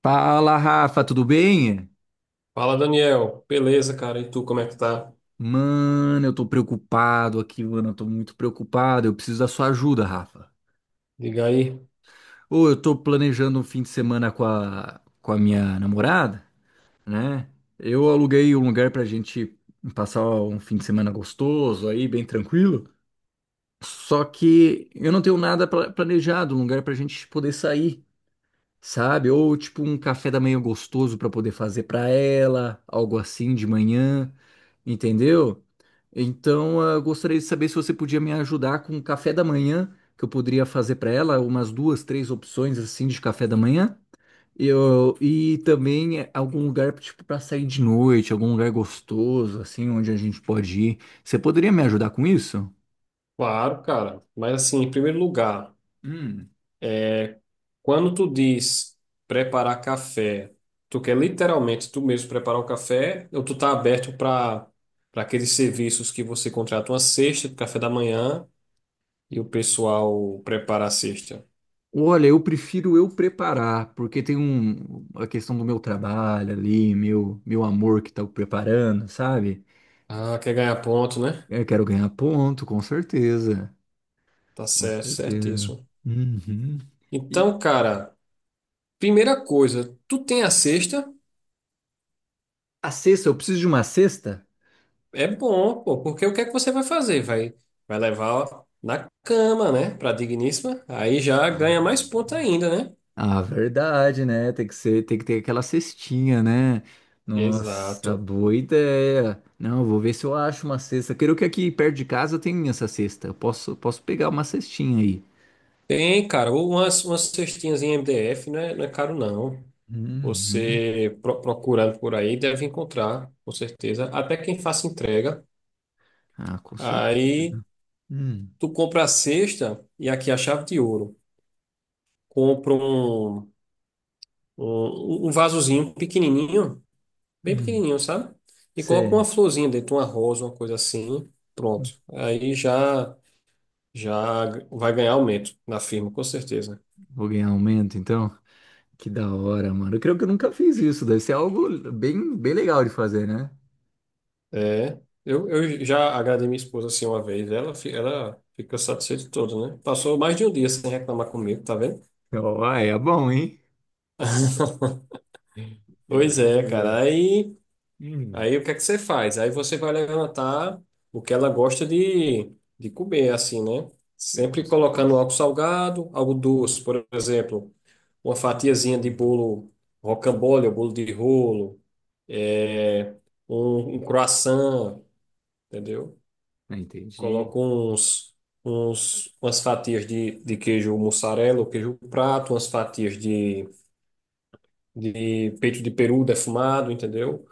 Fala, Rafa, tudo bem? Fala, Daniel. Beleza, cara? E tu, como é que tá? Mano, eu tô preocupado aqui, mano, eu tô muito preocupado. Eu preciso da sua ajuda, Rafa. Diga aí. Ô, eu tô planejando um fim de semana com a minha namorada, né? Eu aluguei um lugar pra gente passar um fim de semana gostoso aí, bem tranquilo. Só que eu não tenho nada planejado, um lugar pra gente poder sair. Sabe? Ou tipo um café da manhã gostoso para poder fazer para ela, algo assim de manhã, entendeu? Então, eu gostaria de saber se você podia me ajudar com o café da manhã que eu poderia fazer para ela, umas duas, três opções assim de café da manhã. E também é, algum lugar tipo para sair de noite, algum lugar gostoso assim onde a gente pode ir. Você poderia me ajudar com isso? Claro, cara. Mas assim, em primeiro lugar, Hum. quando tu diz preparar café, tu quer literalmente tu mesmo preparar o café ou tu tá aberto para aqueles serviços que você contrata uma cesta de café da manhã e o pessoal prepara a cesta? Olha, eu prefiro eu preparar, porque tem um, a questão do meu trabalho ali, meu amor que tá preparando, sabe? Ah, quer ganhar ponto, né? Eu quero ganhar ponto, com certeza. Tá Com certo, certeza. certíssimo. Uhum. E Então, cara, primeira coisa, tu tem a cesta? a cesta, eu preciso de uma cesta? É bom, pô, porque o que é que você vai fazer? Vai levar na cama, né? Pra digníssima. Aí já ganha Ah, mais ponto ainda, né? ah, verdade, né? Tem que ser, tem que ter aquela cestinha, né? Nossa, Exato. boa ideia. Não, eu vou ver se eu acho uma cesta. Quero que aqui perto de casa tenha essa cesta. Eu posso, posso pegar uma cestinha aí. Tem, cara, ou umas cestinhas em MDF, não é caro, não. Uhum. Você procurando por aí deve encontrar, com certeza. Até quem faça entrega. Ah, com Aí certeza. Hum, tu compra a cesta e aqui é a chave de ouro. Compra um vasozinho pequenininho bem hum. pequenininho, sabe? E coloca Você uma florzinha dentro, uma rosa, uma coisa assim, pronto. Aí já vai ganhar aumento na firma, com certeza. vou ganhar aumento, então? Que da hora, mano. Eu creio que eu nunca fiz isso. Deve ser algo bem, bem legal de fazer, né? É, eu já agradei minha esposa assim uma vez, ela, ela fica satisfeita toda, né? Passou mais de um dia sem reclamar comigo, tá vendo? Ó, ah, é bom, hein? É Pois bom é, cara. mesmo. Hum, Aí o que é que você faz? Aí você vai levantar o que ela gosta de comer, assim, né? é, com Sempre colocando certeza. algo salgado, algo doce, por exemplo, uma fatiazinha de Hum, bolo rocambole, ou bolo de rolo, é, um croissant, entendeu? ah, entendi. Coloca umas fatias de queijo mussarela ou queijo prato, umas fatias de peito de peru defumado, entendeu?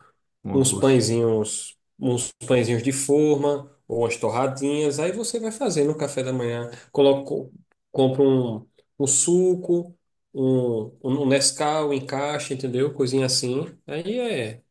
Um Uns gosto. pãezinhos, uns pãezinhos de forma ou umas torradinhas. Aí você vai fazer no café da manhã. Coloca, compra um suco, um Nescau em caixa, entendeu? Coisinha assim. Aí é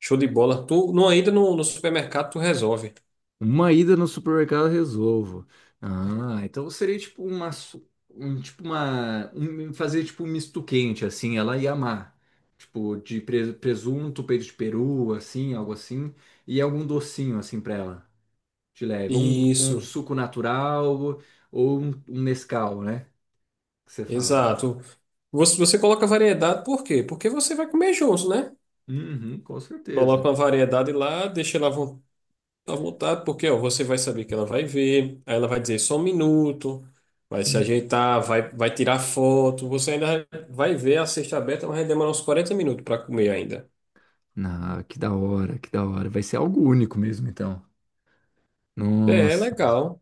show de bola. Tu, não, ainda no supermercado tu resolve. Uma ida no supermercado eu resolvo. Ah, então seria tipo uma, um, tipo uma, fazer tipo um misto quente assim, ela ia amar. Tipo de presunto, peito de peru, assim, algo assim, e algum docinho assim pra ela, de leve, ou um Isso, suco natural ou um Nescau, né? Que você fala. exato. Você coloca variedade, por quê? Porque você vai comer junto, né? Uhum, com certeza. Coloca uma variedade lá, deixa ela à vontade, porque ó, você vai saber que ela vai ver, aí ela vai dizer só um minuto, vai se Hum. ajeitar, vai tirar foto, você ainda vai ver a cesta aberta, mas vai demorar uns quarenta minutos para comer ainda. Ah, que da hora, que da hora. Vai ser algo único mesmo, então. É, é Nossa. legal.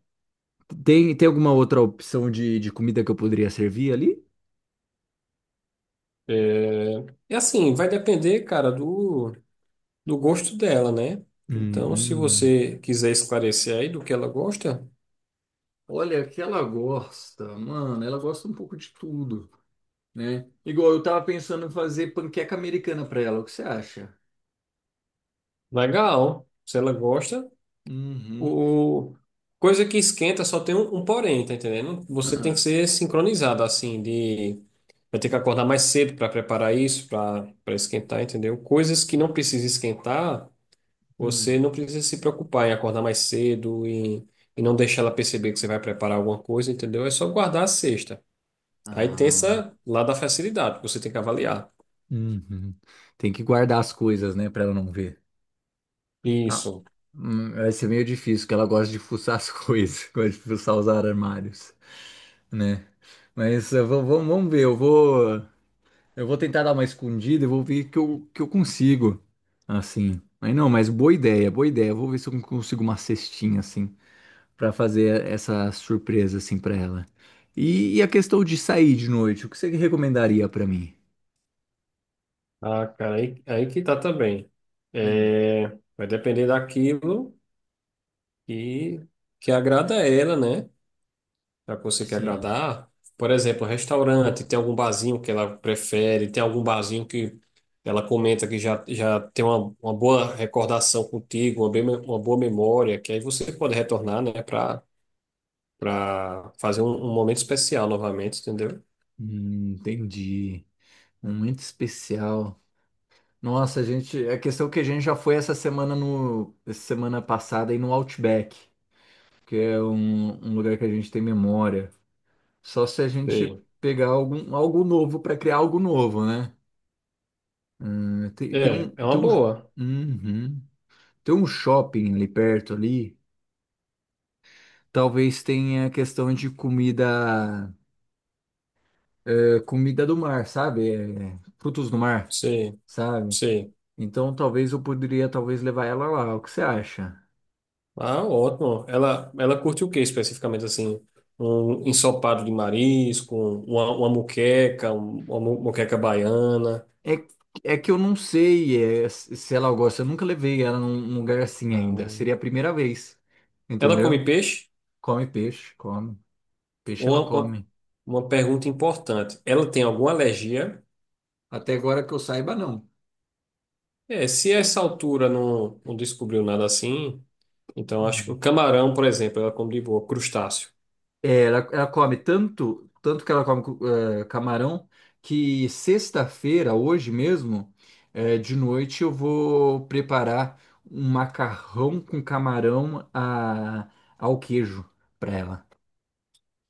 Tem, tem alguma outra opção de comida que eu poderia servir ali? É, e assim, vai depender, cara, do, do gosto dela, né? Hum, Então, se hum. você quiser esclarecer aí do que ela gosta, Olha, que ela gosta, mano, ela gosta um pouco de tudo, né? Igual eu tava pensando em fazer panqueca americana pra ela, o que você acha? legal. Se ela gosta, Uhum. o... Coisa que esquenta só tem um porém, tá entendendo? Você tem que ser sincronizado, assim, de. Vai ter que acordar mais cedo para preparar isso, para esquentar, entendeu? Coisas que não precisa esquentar, você Hum. não precisa se preocupar em acordar mais cedo e não deixar ela perceber que você vai preparar alguma coisa, entendeu? É só guardar a cesta. Aí tem Ah, essa lá da facilidade, que você tem que avaliar. uhum. Tem que guardar as coisas, né, pra ela não ver. Ah, Isso. Vai ser meio difícil, porque ela gosta de fuçar as coisas, gosta de fuçar os armários, né? Mas vamos ver, eu vou. Eu vou tentar dar uma escondida e vou ver que que eu consigo. Assim. Mas não, mas boa ideia, boa ideia. Eu vou ver se eu consigo uma cestinha, assim, pra fazer essa surpresa, assim, pra ela. E a questão de sair de noite, o que você recomendaria pra mim? Ah, cara, aí que tá também. Hum, É, vai depender daquilo. E que agrada a ela, né? Já que você quer sim. agradar. Por exemplo, restaurante, tem algum barzinho que ela prefere, tem algum barzinho que ela comenta que já tem uma boa recordação contigo, uma, bem, uma boa memória, que aí você pode retornar, né, para fazer um momento especial novamente, entendeu? Entendi. Momento especial. Nossa, a gente, a questão que a gente já foi essa semana no, essa semana passada aí no Outback, que é um, um lugar que a gente tem memória. Só se a gente Sim. pegar algum, algo novo para criar algo novo, né? É, é Tem uma um, boa. uhum. Tem um shopping ali perto ali. Talvez tenha a questão de comida, é, comida do mar, sabe? É, frutos do mar, Sim, sabe? sim. Então talvez eu poderia talvez levar ela lá. O que você acha? Ah, ótimo. Ela curte o que especificamente assim? Um ensopado de marisco, uma moqueca, moqueca baiana. É, é que eu não sei, é, se ela gosta. Eu nunca levei ela num num lugar assim ainda. Seria a Ah. primeira vez, Ela entendeu? come peixe? Come. Peixe ela Uma, uma, come. uma pergunta importante. Ela tem alguma alergia? Até agora que eu saiba, não. É, se essa altura não, não descobriu nada assim, então acho que o Hum. camarão, por exemplo, ela come de boa, crustáceo. É, ela come tanto, tanto que ela come camarão, que sexta-feira, hoje mesmo, de noite, eu vou preparar um macarrão com camarão ao queijo para ela,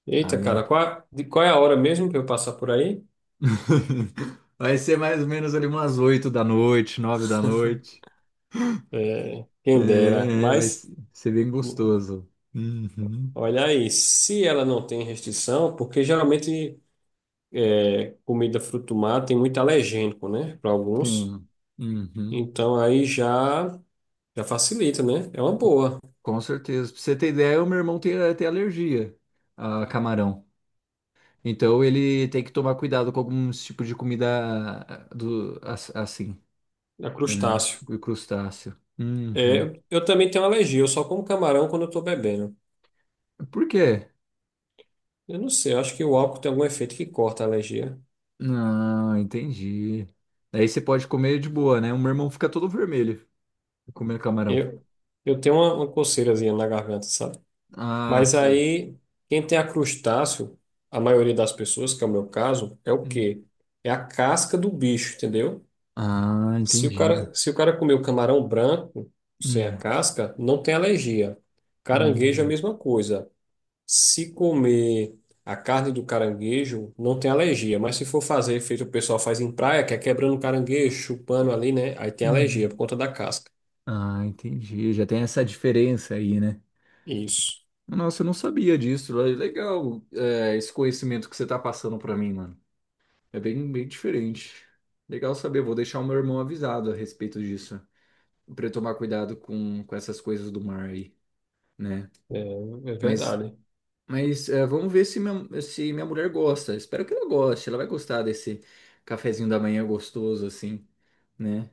Eita, cara, sabe? qual, de, qual é a hora mesmo que eu passar por aí? Vai ser mais ou menos ali umas 8 da noite, 9 da noite. É, quem dera, É, vai mas. ser ser bem gostoso. Uhum. Olha aí, se ela não tem restrição, porque geralmente é, comida fruto do mar tem muito alergênico, né, para alguns. Sim. Uhum. Então aí já já facilita, né? É uma Com, boa, com certeza. Pra você ter ideia, o meu irmão tem até alergia a camarão. Então ele tem que tomar cuidado com alguns tipos de comida assim, é né? crustáceo. O crustáceo. Uhum. É, eu também tenho alergia, eu só como camarão quando eu estou bebendo. Por quê? Eu não sei, eu acho que o álcool tem algum efeito que corta a alergia. Não, entendi. Daí você pode comer de boa, né? O meu irmão fica todo vermelho comendo camarão. Eu, eu tenho uma coceirazinha na garganta, sabe? Ah, Mas sei. aí, quem tem a crustáceo, a maioria das pessoas, que é o meu caso, é o Hum. quê? É a casca do bicho, entendeu? Ah, Se entendi. Se o cara comer o camarão branco, sem a Hum, casca, não tem alergia. Caranguejo é a hum, mesma coisa. Se comer a carne do caranguejo, não tem alergia. Mas se for fazer feito o pessoal faz em praia, que é quebrando o caranguejo, chupando ali, né? Aí tem alergia uhum. por conta da casca. Ah, entendi. Já tem essa diferença aí, né? Isso. Nossa, eu não sabia disso. Legal, é, esse conhecimento que você tá passando pra mim, mano. É bem, bem diferente. Legal saber, vou deixar o meu irmão avisado a respeito disso, pra ele tomar cuidado com essas coisas do mar aí, né? É, é Mas, verdade. mas é, vamos ver se minha, se minha mulher gosta. Espero que ela goste, ela vai gostar desse cafezinho da manhã gostoso assim, né?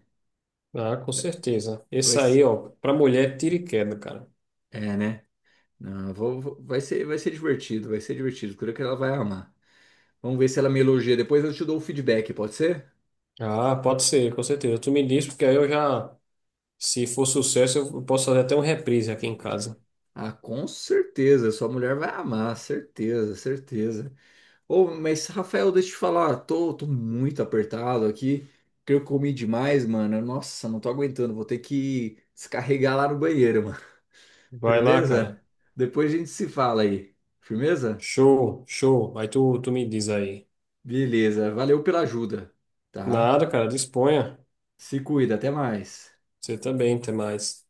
Ah, com certeza. Vai, Esse s- aí, ó, pra mulher, é tira e queda, cara. Né? Não, vai ser divertido, vai ser divertido. Creio que ela vai amar. Vamos ver se ela me elogia. Depois eu te dou o feedback, pode ser? Ah, pode ser, com certeza. Tu me diz, porque aí eu já, se for sucesso, eu posso fazer até um reprise aqui em casa. Ah, com certeza. Sua mulher vai amar, certeza, certeza. Ô, mas Rafael, deixa eu te falar, tô muito apertado aqui. Creio que eu comi demais, mano. Nossa, não tô aguentando. Vou ter que descarregar lá no banheiro, mano. Vai lá, Firmeza? cara. Depois a gente se fala aí. Firmeza? Show, show. Tu me diz aí. Beleza. Valeu pela ajuda, tá? Nada, cara, disponha. Se cuida, até mais. Você também, até mais.